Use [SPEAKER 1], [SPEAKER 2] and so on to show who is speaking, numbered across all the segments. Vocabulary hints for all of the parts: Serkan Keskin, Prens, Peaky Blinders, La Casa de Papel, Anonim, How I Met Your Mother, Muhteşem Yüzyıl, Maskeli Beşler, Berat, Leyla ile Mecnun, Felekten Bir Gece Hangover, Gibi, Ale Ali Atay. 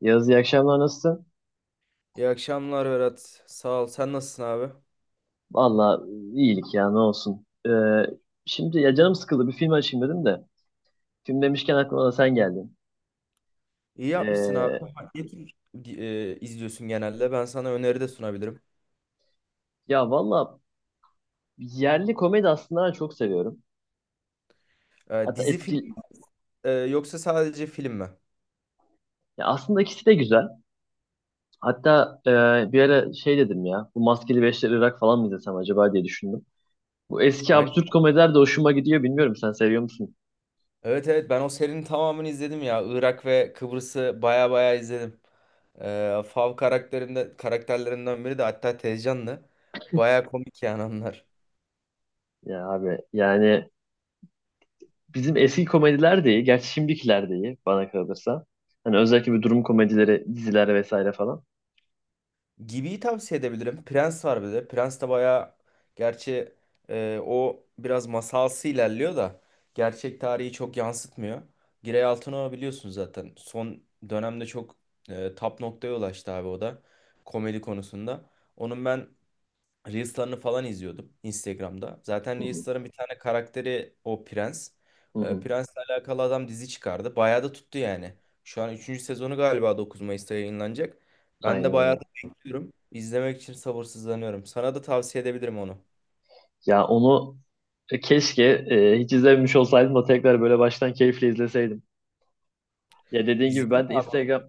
[SPEAKER 1] Yaz, iyi akşamlar, nasılsın?
[SPEAKER 2] İyi akşamlar Berat. Sağ ol. Sen nasılsın abi?
[SPEAKER 1] Valla iyilik ya, ne olsun. Şimdi ya canım sıkıldı, bir film açayım dedim de. Film demişken aklıma da sen geldin.
[SPEAKER 2] İyi yapmışsın abi.
[SPEAKER 1] Ee,
[SPEAKER 2] Ne tür izliyorsun genelde? Ben sana öneri de sunabilirim.
[SPEAKER 1] Valla yerli komedi aslında ben çok seviyorum. Hatta
[SPEAKER 2] Dizi film
[SPEAKER 1] eski
[SPEAKER 2] yoksa sadece film mi?
[SPEAKER 1] ya aslında ikisi de güzel. Hatta bir ara şey dedim ya, bu Maskeli Beşler Irak falan mı izlesem acaba diye düşündüm. Bu eski
[SPEAKER 2] Aynen.
[SPEAKER 1] absürt komediler de hoşuma gidiyor, bilmiyorum, sen seviyor musun?
[SPEAKER 2] Evet, evet, ben o serinin tamamını izledim ya. Irak ve Kıbrıs'ı baya baya izledim. Fav karakterlerinden biri de hatta Tezcan'dı. Baya komik yani onlar.
[SPEAKER 1] Ya abi yani bizim eski komediler de iyi. Gerçi şimdikiler de iyi bana kalırsa. Hani özellikle bir durum komedileri, diziler vesaire falan.
[SPEAKER 2] Gibi'yi tavsiye edebilirim. Prens var bir de. Prens de bayağı, gerçi o biraz masalsı ilerliyor da gerçek tarihi çok yansıtmıyor. Giray Altınok'u biliyorsunuz zaten. Son dönemde çok tap noktaya ulaştı abi o da komedi konusunda. Onun ben Reels'larını falan izliyordum Instagram'da. Zaten
[SPEAKER 1] Hı hı,
[SPEAKER 2] Reels'ların bir tane karakteri o Prens.
[SPEAKER 1] hı hı.
[SPEAKER 2] Prens'le alakalı adam dizi çıkardı. Bayağı da tuttu yani. Şu an üçüncü sezonu galiba 9 Mayıs'ta yayınlanacak. Ben de
[SPEAKER 1] Aynen
[SPEAKER 2] bayağı
[SPEAKER 1] öyle.
[SPEAKER 2] da bekliyorum. İzlemek için sabırsızlanıyorum. Sana da tavsiye edebilirim onu.
[SPEAKER 1] Ya onu keşke hiç izlememiş olsaydım da tekrar böyle baştan keyifle izleseydim. Ya dediğin gibi
[SPEAKER 2] İzledim.
[SPEAKER 1] ben de Instagram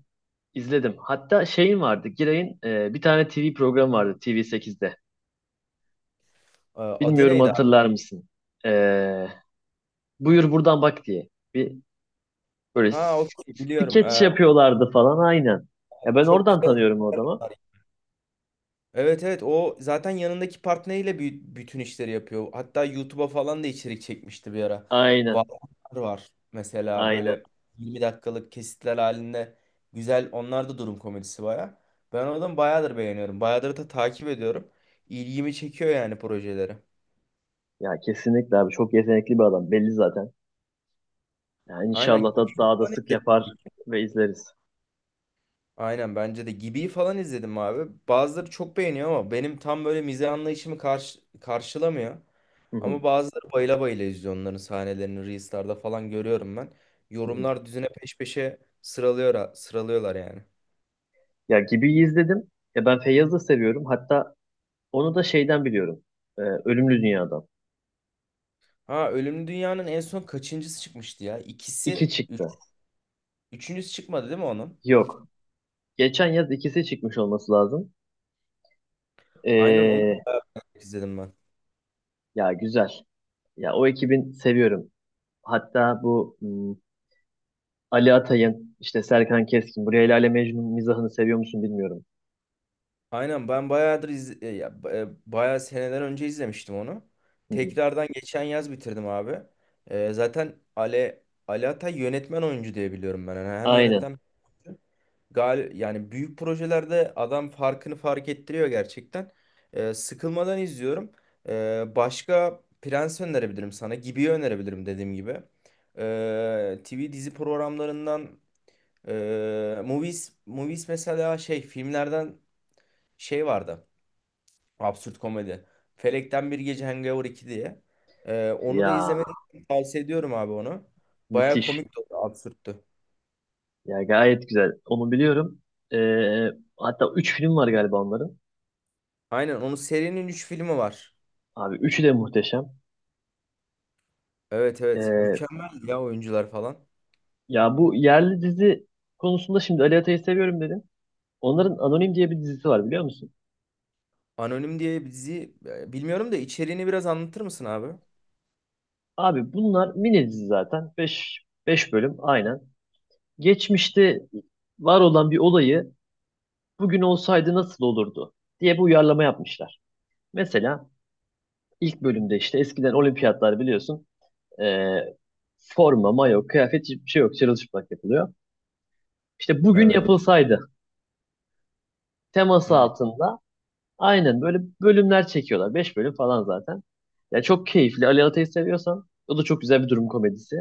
[SPEAKER 1] izledim. Hatta şeyin vardı. Giray'ın bir tane TV programı vardı TV8'de.
[SPEAKER 2] Adı
[SPEAKER 1] Bilmiyorum,
[SPEAKER 2] neydi abi?
[SPEAKER 1] hatırlar mısın? E, Buyur buradan bak diye. Bir böyle
[SPEAKER 2] Ha, okey, biliyorum.
[SPEAKER 1] skeç
[SPEAKER 2] Ee,
[SPEAKER 1] yapıyorlardı falan, aynen. Ya ben
[SPEAKER 2] çok
[SPEAKER 1] oradan
[SPEAKER 2] güzel.
[SPEAKER 1] tanıyorum o adamı.
[SPEAKER 2] Evet, evet, o zaten yanındaki partneriyle bütün işleri yapıyor. Hatta YouTube'a falan da içerik çekmişti bir ara.
[SPEAKER 1] Aynen.
[SPEAKER 2] Varlar var mesela,
[SPEAKER 1] Aynen.
[SPEAKER 2] böyle 20 dakikalık kesitler halinde, güzel onlar da, durum komedisi baya. Ben o adamı bayağıdır beğeniyorum. Bayağıdır da takip ediyorum. İlgimi çekiyor yani projeleri.
[SPEAKER 1] Ya kesinlikle abi, çok yetenekli bir adam belli zaten. Ya
[SPEAKER 2] Aynen.
[SPEAKER 1] inşallah da daha da sık yapar ve izleriz.
[SPEAKER 2] Aynen, bence de. Gibi'yi falan izledim abi. Bazıları çok beğeniyor ama benim tam böyle mizah anlayışımı karşılamıyor.
[SPEAKER 1] Hı hı.
[SPEAKER 2] Ama bazıları bayıla bayıla izliyor, onların sahnelerini Reels'larda falan görüyorum ben.
[SPEAKER 1] Hı hı.
[SPEAKER 2] Yorumlar düzine peş peşe sıralıyorlar yani.
[SPEAKER 1] Ya Gibi'yi izledim. Ya ben Feyyaz'ı da seviyorum. Hatta onu da şeyden biliyorum. Ölümlü Dünya'dan.
[SPEAKER 2] Ha, Ölümlü Dünya'nın en son kaçıncısı çıkmıştı ya? İkisi,
[SPEAKER 1] İki çıktı.
[SPEAKER 2] üçüncüsü çıkmadı değil mi onun?
[SPEAKER 1] Yok. Geçen yaz ikisi çıkmış olması lazım.
[SPEAKER 2] Aynen, onu
[SPEAKER 1] Ee,
[SPEAKER 2] da izledim ben.
[SPEAKER 1] Ya güzel. Ya o ekibin seviyorum. Hatta bu hmm, Ali Atay'ın, işte Serkan Keskin, bu Leyla ile Mecnun mizahını seviyor musun bilmiyorum.
[SPEAKER 2] Aynen, ben bayağıdır iz e, ya, ba- e, bayağı seneden önce izlemiştim onu.
[SPEAKER 1] Hı hı.
[SPEAKER 2] Tekrardan geçen yaz bitirdim abi. Zaten Ali Atay yönetmen oyuncu diye biliyorum ben. Yani hem
[SPEAKER 1] Aynen.
[SPEAKER 2] yönetmen, yani büyük projelerde adam farkını fark ettiriyor gerçekten. Sıkılmadan izliyorum. Başka Prens önerebilirim sana. Gibi'yi önerebilirim dediğim gibi. TV dizi programlarından, Movies mesela, şey, filmlerden şey vardı. Absürt komedi. Felekten Bir Gece, Hangover 2 diye. Onu da
[SPEAKER 1] Ya
[SPEAKER 2] izlemeni tavsiye ediyorum abi onu. Baya
[SPEAKER 1] müthiş.
[SPEAKER 2] komik de oldu, absürttü.
[SPEAKER 1] Ya gayet güzel. Onu biliyorum. Ee, Hatta 3 film var galiba onların.
[SPEAKER 2] Aynen, onun serinin 3 filmi var.
[SPEAKER 1] Abi üçü de muhteşem.
[SPEAKER 2] Evet, evet.
[SPEAKER 1] Ee,
[SPEAKER 2] Mükemmel ya, oyuncular falan.
[SPEAKER 1] Bu yerli dizi konusunda şimdi Ali Atay'ı seviyorum dedim. Onların Anonim diye bir dizisi var, biliyor musun?
[SPEAKER 2] Anonim diye bir dizi, bilmiyorum da içeriğini biraz anlatır mısın abi?
[SPEAKER 1] Abi bunlar mini dizi zaten. Beş bölüm aynen. Geçmişte var olan bir olayı bugün olsaydı nasıl olurdu diye bir uyarlama yapmışlar. Mesela ilk bölümde işte eskiden olimpiyatlar biliyorsun, e, forma, mayo, kıyafet hiçbir şey yok. Çırılçıplak yapılıyor. İşte bugün
[SPEAKER 2] Evet.
[SPEAKER 1] yapılsaydı teması
[SPEAKER 2] Hı.
[SPEAKER 1] altında aynen böyle bölümler çekiyorlar. Beş bölüm falan zaten. Ya çok keyifli. Ali Atay'ı seviyorsan o da çok güzel bir durum komedisi.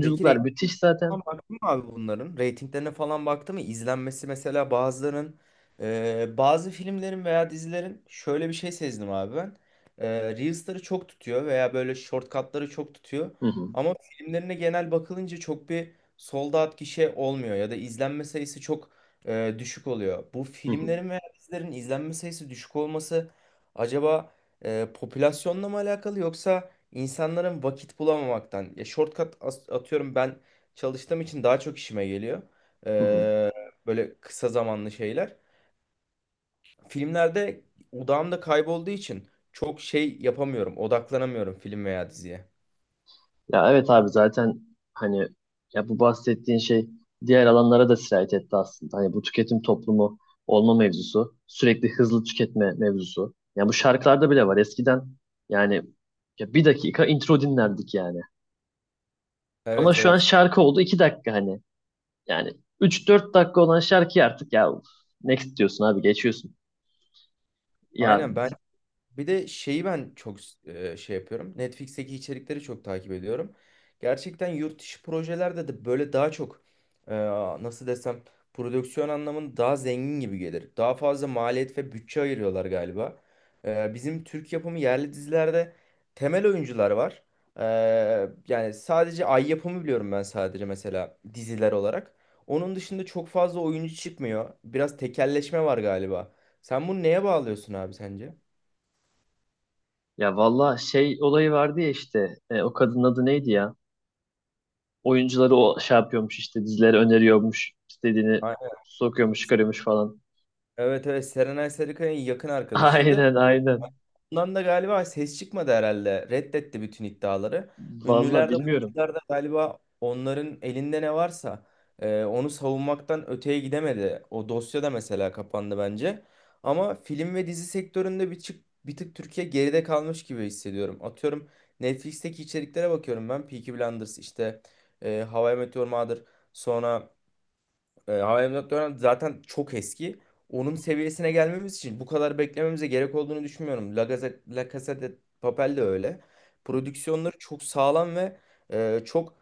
[SPEAKER 2] Peki.
[SPEAKER 1] müthiş zaten.
[SPEAKER 2] Ama baktın mı abi bunların? Ratinglerine falan baktı mı? İzlenmesi mesela bazılarının, bazı filmlerin veya dizilerin, şöyle bir şey sezdim abi ben. E, Reels'ları çok tutuyor veya böyle shortcut'ları çok tutuyor.
[SPEAKER 1] Hı hı,
[SPEAKER 2] Ama filmlerine genel bakılınca çok bir sold out gişe olmuyor, ya da izlenme sayısı çok düşük oluyor. Bu
[SPEAKER 1] hı hı,
[SPEAKER 2] filmlerin veya dizilerin izlenme sayısı düşük olması acaba popülasyonla mı alakalı, yoksa insanların vakit bulamamaktan? Ya, shortcut, atıyorum ben çalıştığım için daha çok işime geliyor.
[SPEAKER 1] hı hı.
[SPEAKER 2] Ee, Böyle kısa zamanlı şeyler. Filmlerde odağımda kaybolduğu için çok şey yapamıyorum. Odaklanamıyorum film veya diziye.
[SPEAKER 1] Ya evet abi zaten, hani, ya bu bahsettiğin şey diğer alanlara da sirayet etti aslında. Hani bu tüketim toplumu olma mevzusu, sürekli hızlı tüketme mevzusu. Ya bu şarkılarda bile var. Eskiden yani ya bir dakika intro dinlerdik yani. Ama
[SPEAKER 2] Evet,
[SPEAKER 1] şu an
[SPEAKER 2] evet.
[SPEAKER 1] şarkı oldu iki dakika hani. Yani üç dört dakika olan şarkıyı artık ya uf, next diyorsun abi, geçiyorsun. Ya
[SPEAKER 2] Aynen. Ben bir de şeyi ben çok şey yapıyorum. Netflix'teki içerikleri çok takip ediyorum. Gerçekten yurt dışı projelerde de böyle daha çok, e, nasıl desem, prodüksiyon anlamında daha zengin gibi gelir. Daha fazla maliyet ve bütçe ayırıyorlar galiba. Bizim Türk yapımı yerli dizilerde temel oyuncular var. E, Yani sadece Ay yapımı biliyorum ben, sadece mesela diziler olarak. Onun dışında çok fazla oyuncu çıkmıyor. Biraz tekelleşme var galiba. Sen bunu neye bağlıyorsun abi, sence?
[SPEAKER 1] ya valla şey olayı vardı ya işte, o kadının adı neydi ya? Oyuncuları o şey yapıyormuş işte, dizileri öneriyormuş, istediğini sokuyormuş çıkarıyormuş falan.
[SPEAKER 2] Evet, evet, Serenay Sarıkaya'nın yakın arkadaşıydı.
[SPEAKER 1] Aynen, aynen.
[SPEAKER 2] Bundan da galiba ses çıkmadı herhalde. Reddetti bütün iddiaları.
[SPEAKER 1] Valla
[SPEAKER 2] Ünlüler de
[SPEAKER 1] bilmiyorum.
[SPEAKER 2] oyuncular da galiba, onların elinde ne varsa onu savunmaktan öteye gidemedi. O dosya da mesela kapandı bence. Ama film ve dizi sektöründe bir tık Türkiye geride kalmış gibi hissediyorum. Atıyorum, Netflix'teki içeriklere bakıyorum ben. Peaky Blinders işte, How I Met Your Mother, sonra How I Met Your Mother zaten çok eski. Onun seviyesine gelmemiz için bu kadar beklememize gerek olduğunu düşünmüyorum. La Casa de Papel de öyle. Prodüksiyonları çok sağlam ve çok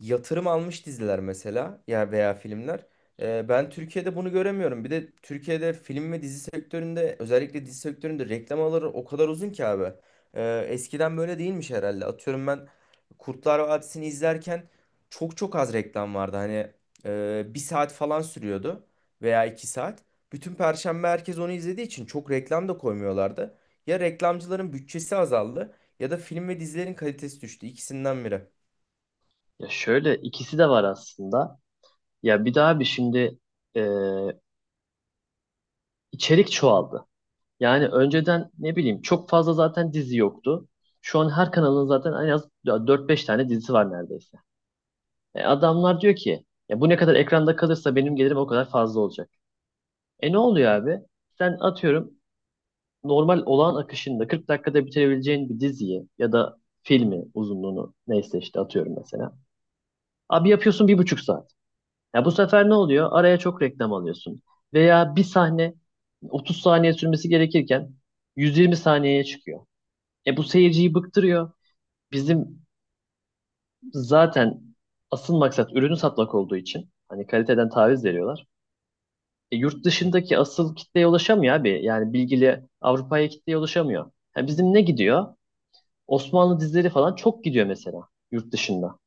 [SPEAKER 2] yatırım almış diziler mesela, ya veya filmler. Ben Türkiye'de bunu göremiyorum. Bir de Türkiye'de film ve dizi sektöründe, özellikle dizi sektöründe, reklam alırı o kadar uzun ki abi. Eskiden böyle değilmiş herhalde. Atıyorum, ben Kurtlar Vadisi'ni izlerken çok çok az reklam vardı. Hani, bir saat falan sürüyordu veya iki saat. Bütün Perşembe herkes onu izlediği için çok reklam da koymuyorlardı. Ya reklamcıların bütçesi azaldı, ya da film ve dizilerin kalitesi düştü. İkisinden biri.
[SPEAKER 1] Ya şöyle ikisi de var aslında. Ya bir daha bir şimdi e, içerik çoğaldı. Yani önceden ne bileyim çok fazla zaten dizi yoktu. Şu an her kanalın zaten en az dört beş tane dizisi var neredeyse. E, adamlar diyor ki ya bu ne kadar ekranda kalırsa benim gelirim o kadar fazla olacak. E ne oluyor abi? Sen atıyorum normal olağan akışında 40 dakikada bitirebileceğin bir diziyi ya da filmi, uzunluğunu neyse işte atıyorum mesela. Abi yapıyorsun bir buçuk saat. Ya bu sefer ne oluyor? Araya çok reklam alıyorsun. Veya bir sahne 30 saniye sürmesi gerekirken 120 saniyeye çıkıyor. E bu seyirciyi bıktırıyor. Bizim zaten asıl maksat ürünü satmak olduğu için hani kaliteden taviz veriyorlar. E, yurt
[SPEAKER 2] Hı.
[SPEAKER 1] dışındaki asıl kitleye ulaşamıyor abi. Yani bilgili Avrupa'ya kitleye ulaşamıyor. Ha, bizim ne gidiyor? Osmanlı dizileri falan çok gidiyor mesela yurt dışında.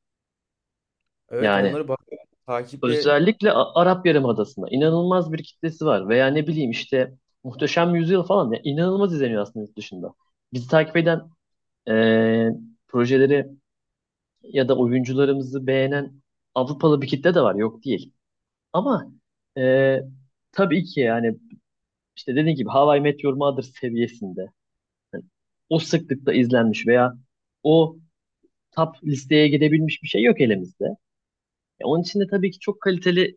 [SPEAKER 2] Evet,
[SPEAKER 1] Yani
[SPEAKER 2] onları bak, takiple.
[SPEAKER 1] özellikle Arap Yarımadası'nda inanılmaz bir kitlesi var. Veya ne bileyim işte Muhteşem Yüzyıl falan ya inanılmaz izleniyor aslında yurt dışında. Bizi takip eden eee, projeleri ya da oyuncularımızı beğenen Avrupalı bir kitle de var, yok değil. Ama eee, tabii ki yani işte dediğim gibi How I Met Your Mother seviyesinde hani o sıklıkta izlenmiş veya o top listeye gidebilmiş bir şey yok elimizde. E, onun için de tabii ki çok kaliteli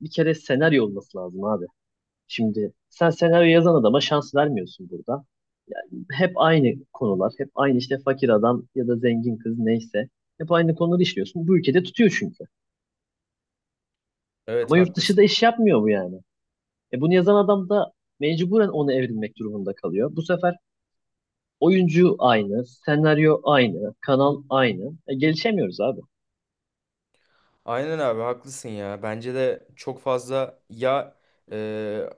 [SPEAKER 1] bir kere senaryo olması lazım abi. Şimdi sen senaryo yazan adama şans vermiyorsun burada. Yani hep aynı konular, hep aynı işte fakir adam ya da zengin kız neyse. Hep aynı konuları işliyorsun. Bu ülkede tutuyor çünkü.
[SPEAKER 2] Evet,
[SPEAKER 1] Ama yurt dışı da
[SPEAKER 2] haklısın.
[SPEAKER 1] iş yapmıyor bu yani. E bunu yazan adam da mecburen ona evrilmek durumunda kalıyor. Bu sefer oyuncu aynı, senaryo aynı, kanal aynı. E, gelişemiyoruz abi.
[SPEAKER 2] Aynen abi, haklısın ya. Bence de çok fazla ya, e,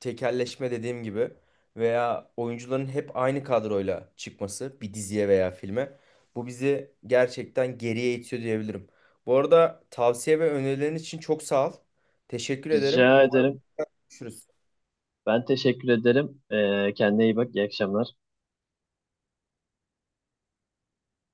[SPEAKER 2] tekelleşme dediğim gibi, veya oyuncuların hep aynı kadroyla çıkması bir diziye veya filme, bu bizi gerçekten geriye itiyor diyebilirim. Bu arada, tavsiye ve önerilerin için çok sağ ol. Teşekkür ederim.
[SPEAKER 1] Rica
[SPEAKER 2] Umarım
[SPEAKER 1] ederim.
[SPEAKER 2] görüşürüz.
[SPEAKER 1] Ben teşekkür ederim. E, kendine iyi bak. İyi akşamlar.